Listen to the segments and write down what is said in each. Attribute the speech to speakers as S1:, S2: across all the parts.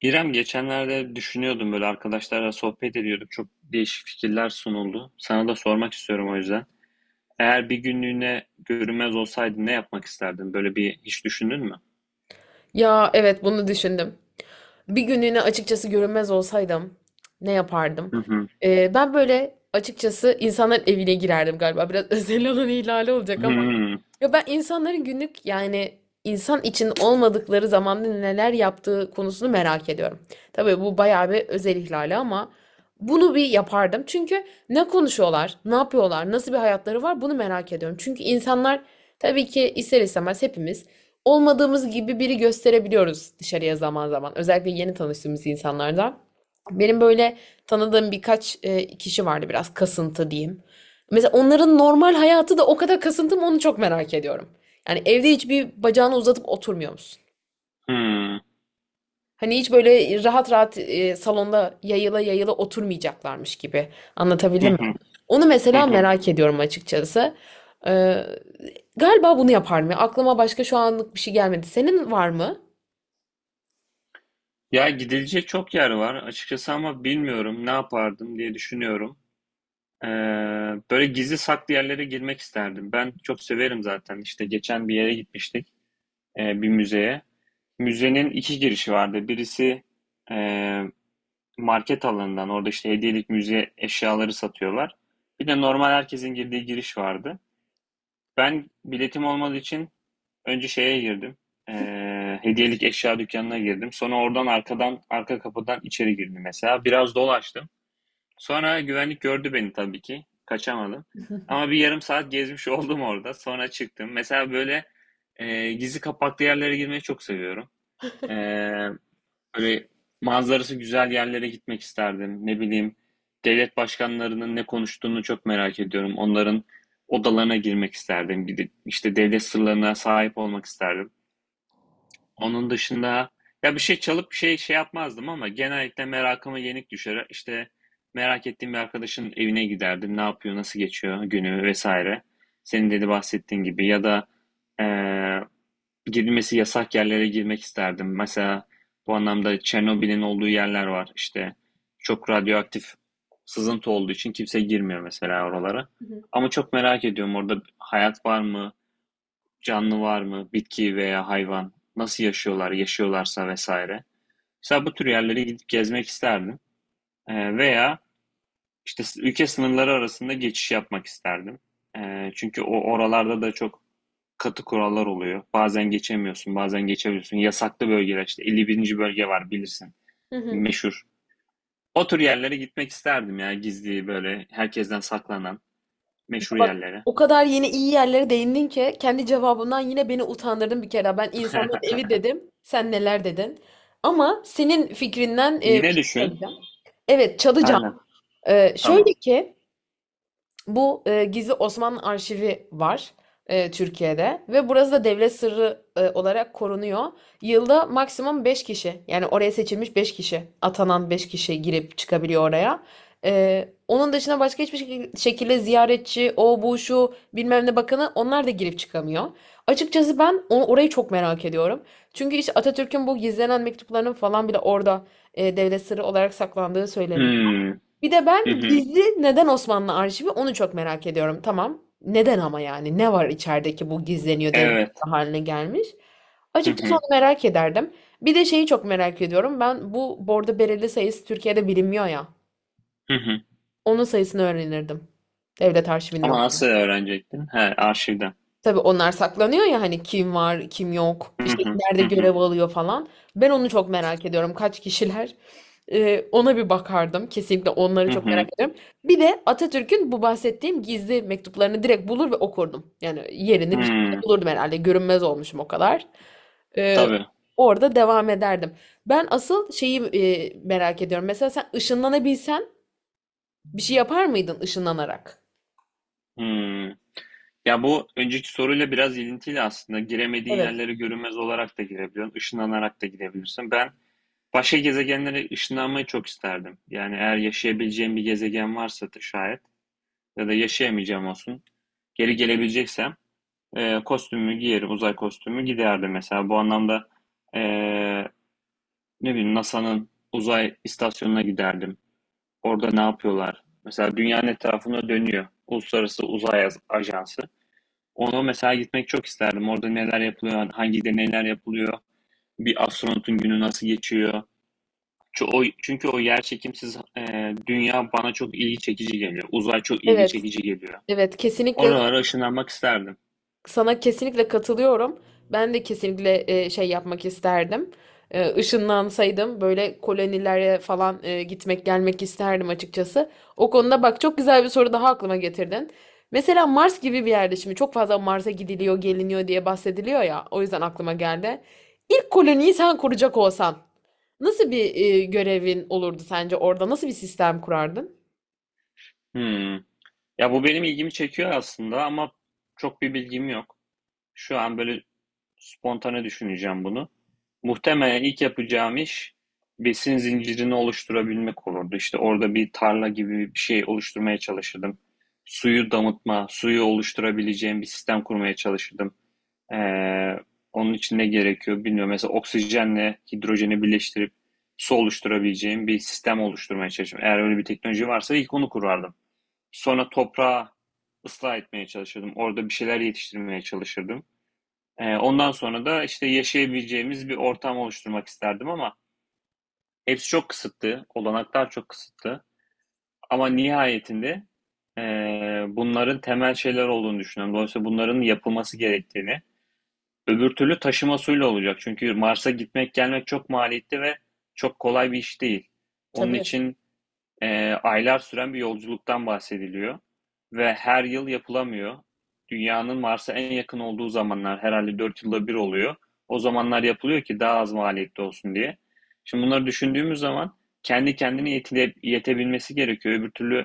S1: İrem, geçenlerde düşünüyordum, böyle arkadaşlarla sohbet ediyorduk. Çok değişik fikirler sunuldu. Sana da sormak istiyorum o yüzden. Eğer bir günlüğüne görünmez olsaydın ne yapmak isterdin? Böyle bir hiç düşündün mü?
S2: Ya evet, bunu düşündüm. Bir günlüğüne açıkçası görünmez olsaydım ne yapardım?
S1: Hı hı.
S2: Ben böyle açıkçası insanların evine girerdim galiba. Biraz özel alan ihlali
S1: Hı
S2: olacak ama.
S1: hı.
S2: Ya ben insanların günlük, yani insan için olmadıkları zamanda neler yaptığı konusunu merak ediyorum. Tabii bu bayağı bir özel ihlali ama bunu bir yapardım. Çünkü ne konuşuyorlar, ne yapıyorlar, nasıl bir hayatları var, bunu merak ediyorum. Çünkü insanlar, tabii ki ister istemez, hepimiz olmadığımız gibi biri gösterebiliyoruz dışarıya zaman zaman. Özellikle yeni tanıştığımız insanlardan. Benim böyle tanıdığım birkaç kişi vardı, biraz kasıntı diyeyim. Mesela onların normal hayatı da o kadar kasıntı mı, onu çok merak ediyorum. Yani evde hiçbir bacağını uzatıp oturmuyor musun?
S1: Hı
S2: Hani hiç böyle rahat rahat salonda yayıla yayıla oturmayacaklarmış gibi.
S1: hı.
S2: Anlatabildim mi? Onu
S1: Hı
S2: mesela
S1: hı.
S2: merak ediyorum açıkçası. Ee, Galiba bunu yaparım ya. Aklıma başka şu anlık bir şey gelmedi. Senin var mı?
S1: Ya gidilecek çok yer var açıkçası ama bilmiyorum ne yapardım diye düşünüyorum. Ee, Böyle gizli saklı yerlere girmek isterdim. Ben çok severim zaten. İşte geçen bir yere gitmiştik, bir müzeye. Müzenin iki girişi vardı. Birisi eee, market alanından, orada işte hediyelik müze eşyaları satıyorlar. Bir de normal herkesin girdiği giriş vardı. Ben biletim olmadığı için önce şeye girdim. Hediyelik eşya dükkanına girdim. Sonra oradan arkadan, arka kapıdan içeri girdim mesela. Biraz dolaştım. Sonra güvenlik gördü beni tabii ki. Kaçamadım. Ama bir yarım saat gezmiş oldum orada. Sonra çıktım. Mesela böyle gizli kapaklı yerlere girmeyi çok seviyorum. Eee Böyle manzarası güzel yerlere gitmek isterdim. Ne bileyim, devlet başkanlarının ne konuştuğunu çok merak ediyorum. Onların odalarına girmek isterdim. Gidip işte devlet sırlarına sahip olmak isterdim. Onun dışında ya bir şey çalıp bir şey yapmazdım ama genellikle merakıma yenik düşer. İşte merak ettiğim bir arkadaşın evine giderdim. Ne yapıyor, nasıl geçiyor günü vesaire. Senin dedi bahsettiğin gibi ya da eee girilmesi yasak yerlere girmek isterdim. Mesela bu anlamda Çernobil'in olduğu yerler var. İşte çok radyoaktif sızıntı olduğu için kimse girmiyor mesela oralara.
S2: Hı hı.
S1: Ama çok merak ediyorum, orada hayat var mı? Canlı var mı, bitki veya hayvan, nasıl yaşıyorlar, yaşıyorlarsa vesaire. Mesela bu tür yerlere gidip gezmek isterdim. Veya işte ülke sınırları arasında geçiş yapmak isterdim. Çünkü o oralarda da çok katı kurallar oluyor. Bazen geçemiyorsun, bazen geçebiliyorsun. Yasaklı bölgeler işte 51. bölge var bilirsin.
S2: Hı hı.
S1: Meşhur. O tür yerlere gitmek isterdim, ya gizli böyle herkesten saklanan meşhur
S2: Bak,
S1: yerlere.
S2: o kadar yeni iyi yerlere değindin ki kendi cevabından yine beni utandırdın bir kere. Ben insanların evi dedim. Sen neler dedin? Ama senin fikrinden bir
S1: Yine
S2: şey
S1: düşün.
S2: söyleyeceğim. Evet, çalacağım.
S1: Aynen. Tamam.
S2: Şöyle ki bu Gizli Osmanlı Arşivi var Türkiye'de ve burası da devlet sırrı olarak korunuyor. Yılda maksimum 5 kişi, yani oraya seçilmiş 5 kişi, atanan 5 kişi girip çıkabiliyor oraya. Onun dışında başka hiçbir şekilde ziyaretçi, o bu şu bilmem ne bakanı, onlar da girip çıkamıyor. Açıkçası ben onu, orayı çok merak ediyorum. Çünkü işte Atatürk'ün bu gizlenen mektuplarının falan bile orada devlet sırrı olarak saklandığı söyleniyor.
S1: Hmm.
S2: Bir de
S1: Hı
S2: ben
S1: hı.
S2: gizli neden Osmanlı arşivi, onu çok merak ediyorum. Tamam. Neden ama yani? Ne var içerideki bu gizleniyor, devlet
S1: Evet.
S2: haline gelmiş?
S1: Hı
S2: Açıkçası onu
S1: hı.
S2: merak ederdim. Bir de şeyi çok merak ediyorum. Ben bu bordo bereli sayısı Türkiye'de bilinmiyor ya.
S1: Hı hı.
S2: Onun sayısını öğrenirdim. Devlet arşivinden.
S1: Ama nasıl öğrenecektin? He, arşivden.
S2: Tabii onlar saklanıyor ya, hani kim var, kim yok,
S1: Hı
S2: işte
S1: hı.
S2: nerede
S1: Hı hı.
S2: görev alıyor falan. Ben onu çok merak ediyorum. Kaç kişiler? Ona bir bakardım. Kesinlikle onları
S1: Hı
S2: çok merak
S1: hı.
S2: ediyorum. Bir de Atatürk'ün bu bahsettiğim gizli mektuplarını direkt bulur ve okurdum. Yani yerini bir şekilde
S1: Hıı.
S2: bulurdum herhalde. Görünmez olmuşum o kadar. Ee,
S1: Tabii.
S2: Orada devam ederdim. Ben asıl şeyi merak ediyorum. Mesela sen ışınlanabilsen, bir şey yapar mıydın ışınlanarak?
S1: Hıı. Ya, bu önceki soruyla biraz ilintili aslında. Giremediğin
S2: Evet.
S1: yerlere görünmez olarak da girebiliyorsun, ışınlanarak da gidebilirsin. Ben başka gezegenlere ışınlanmayı çok isterdim. Yani eğer yaşayabileceğim bir gezegen varsa da şayet ya da yaşayamayacağım olsun, geri gelebileceksem, kostümümü giyerim, uzay kostümü giderdim mesela. Bu anlamda, eee, ne bileyim NASA'nın uzay istasyonuna giderdim. Orada ne yapıyorlar? Mesela dünyanın etrafında dönüyor. Uluslararası Uzay Ajansı. Ona mesela gitmek çok isterdim. Orada neler yapılıyor, hangi deneyler yapılıyor, bir astronotun günü nasıl geçiyor. Çünkü o, çünkü yer çekimsiz dünya bana çok ilgi çekici geliyor. Uzay çok ilgi
S2: Evet.
S1: çekici geliyor.
S2: Evet, kesinlikle.
S1: Oralara ışınlanmak isterdim.
S2: Sana kesinlikle katılıyorum. Ben de kesinlikle şey yapmak isterdim. Işınlansaydım böyle kolonilere falan gitmek gelmek isterdim açıkçası. O konuda bak, çok güzel bir soru daha aklıma getirdin. Mesela Mars gibi bir yerde, şimdi çok fazla Mars'a gidiliyor, geliniyor diye bahsediliyor ya. O yüzden aklıma geldi. İlk koloniyi sen kuracak olsan, nasıl bir görevin olurdu sence orada? Nasıl bir sistem kurardın?
S1: Hmm. Ya bu benim ilgimi çekiyor aslında ama çok bir bilgim yok. Şu an böyle spontane düşüneceğim bunu. Muhtemelen ilk yapacağım iş besin zincirini oluşturabilmek olurdu. İşte orada bir tarla gibi bir şey oluşturmaya çalışırdım. Suyu damıtma, suyu oluşturabileceğim bir sistem kurmaya çalışırdım. Ee, Onun için ne gerekiyor bilmiyorum. Mesela oksijenle hidrojeni birleştirip su oluşturabileceğim bir sistem oluşturmaya çalışırdım. Eğer öyle bir teknoloji varsa ilk onu kurardım. Sonra toprağı ıslah etmeye çalışırdım. Orada bir şeyler yetiştirmeye çalışırdım. Ondan sonra da işte yaşayabileceğimiz bir ortam oluşturmak isterdim ama hepsi çok kısıtlı, olanaklar çok kısıtlı. Ama nihayetinde bunların temel şeyler olduğunu düşünüyorum. Dolayısıyla bunların yapılması gerektiğini. Öbür türlü taşıma suyla olacak. Çünkü Mars'a gitmek gelmek çok maliyetli ve çok kolay bir iş değil. Onun
S2: Tabii.
S1: için aylar süren bir yolculuktan bahsediliyor ve her yıl yapılamıyor. Dünyanın Mars'a en yakın olduğu zamanlar herhalde 4 yılda bir oluyor. O zamanlar yapılıyor ki daha az maliyetli olsun diye. Şimdi bunları düşündüğümüz zaman kendi kendine yetebilmesi gerekiyor. Öbür türlü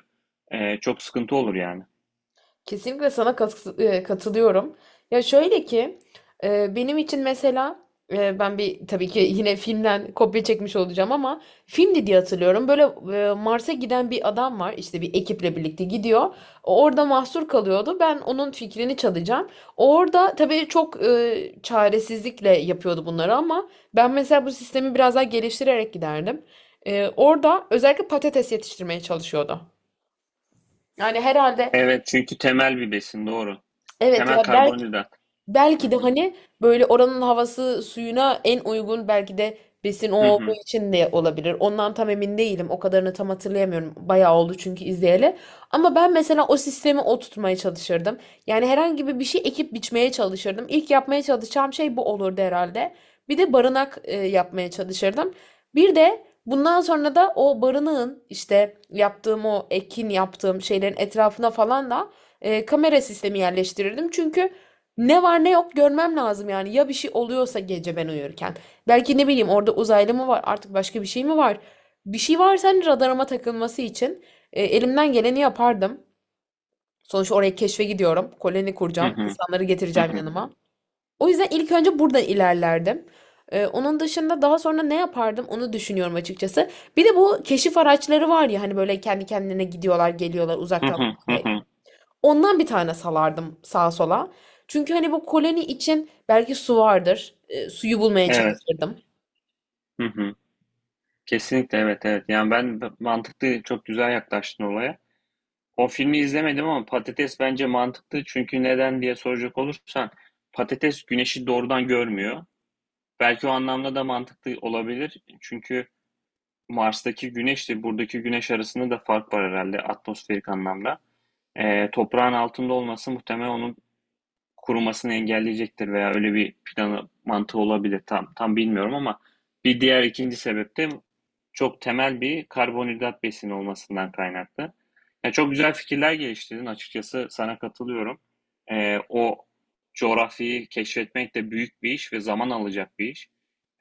S1: çok sıkıntı olur yani.
S2: Kesinlikle sana katılıyorum. Ya şöyle ki, benim için mesela, ben bir, tabii ki yine filmden kopya çekmiş olacağım, ama filmdi diye hatırlıyorum. Böyle Mars'a giden bir adam var, işte bir ekiple birlikte gidiyor. Orada mahsur kalıyordu. Ben onun fikrini çalacağım. Orada tabii çok çaresizlikle yapıyordu bunları, ama ben mesela bu sistemi biraz daha geliştirerek giderdim. Orada özellikle patates yetiştirmeye çalışıyordu. Yani herhalde,
S1: Evet, çünkü temel bir besin, doğru.
S2: evet
S1: Temel
S2: ya, belki
S1: karbonhidrat. Hı
S2: Belki De
S1: hı.
S2: hani böyle oranın havası suyuna en uygun, belki de besin o
S1: Hı
S2: olduğu
S1: hı.
S2: için de olabilir. Ondan tam emin değilim. O kadarını tam hatırlayamıyorum. Bayağı oldu çünkü izleyeli. Ama ben mesela o sistemi oturtmaya çalışırdım. Yani herhangi bir şey ekip biçmeye çalışırdım. İlk yapmaya çalışacağım şey bu olurdu herhalde. Bir de barınak yapmaya çalışırdım. Bir de bundan sonra da o barınağın, işte yaptığım o ekin, yaptığım şeylerin etrafına falan da kamera sistemi yerleştirirdim. Çünkü ne var ne yok görmem lazım yani. Ya bir şey oluyorsa gece ben uyurken. Belki ne bileyim, orada uzaylı mı var artık, başka bir şey mi var? Bir şey varsa hani radarıma takılması için elimden geleni yapardım. Sonuçta oraya keşfe gidiyorum. Koloni
S1: Hı
S2: kuracağım.
S1: hı.
S2: İnsanları
S1: Hı
S2: getireceğim
S1: hı.
S2: yanıma. O yüzden ilk önce buradan ilerlerdim. Onun dışında daha sonra ne yapardım, onu düşünüyorum açıkçası. Bir de bu keşif araçları var ya, hani böyle kendi kendine gidiyorlar, geliyorlar
S1: Hı
S2: uzaktan.
S1: hı. Hı hı.
S2: Ondan bir tane salardım sağa sola. Çünkü hani bu koloni için belki su vardır. Suyu bulmaya
S1: Evet.
S2: çalışırdım.
S1: Hı hı. Kesinlikle, evet evet. Yani mantıklı çok güzel yaklaştın olaya. O filmi izlemedim ama patates bence mantıklı. Çünkü neden diye soracak olursan patates güneşi doğrudan görmüyor. Belki o anlamda da mantıklı olabilir. Çünkü Mars'taki güneşle buradaki güneş arasında da fark var herhalde atmosferik anlamda. Toprağın altında olması muhtemelen onun kurumasını engelleyecektir veya öyle bir planı, mantığı olabilir. Tam bilmiyorum ama bir diğer ikinci sebep de çok temel bir karbonhidrat besini olmasından kaynaklı. Yani çok güzel fikirler geliştirdin, açıkçası sana katılıyorum. O coğrafyayı keşfetmek de büyük bir iş ve zaman alacak bir iş.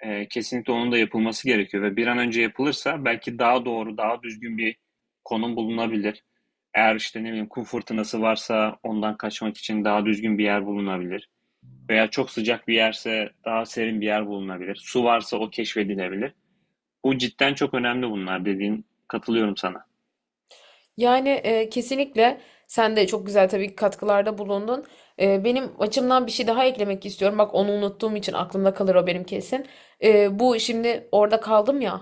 S1: Kesinlikle onun da yapılması gerekiyor ve bir an önce yapılırsa belki daha doğru, daha düzgün bir konum bulunabilir. Eğer işte ne bileyim kum fırtınası varsa ondan kaçmak için daha düzgün bir yer bulunabilir. Veya çok sıcak bir yerse daha serin bir yer bulunabilir. Su varsa o keşfedilebilir. Bu cidden çok önemli bunlar dediğin. Katılıyorum sana.
S2: Yani kesinlikle sen de çok güzel, tabii ki, katkılarda bulundun. Benim açımdan bir şey daha eklemek istiyorum. Bak, onu unuttuğum için aklımda kalır o benim, kesin. Bu, şimdi orada kaldım ya.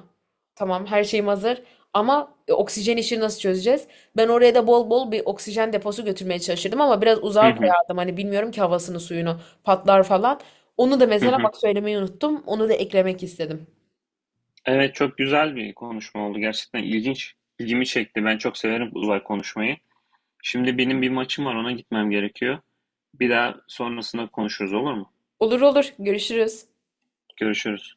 S2: Tamam, her şeyim hazır. Ama oksijen işini nasıl çözeceğiz? Ben oraya da bol bol bir oksijen deposu götürmeye çalışırdım, ama biraz
S1: Hı
S2: uzağa
S1: hı,
S2: koyardım. Hani bilmiyorum ki, havasını suyunu patlar falan. Onu da
S1: hı
S2: mesela
S1: hı.
S2: bak, söylemeyi unuttum. Onu da eklemek istedim.
S1: Evet, çok güzel bir konuşma oldu. Gerçekten ilginç. İlgimi çekti. Ben çok severim uzay konuşmayı. Şimdi benim bir maçım var, ona gitmem gerekiyor. Bir daha sonrasında konuşuruz, olur mu?
S2: Olur olur, görüşürüz.
S1: Görüşürüz.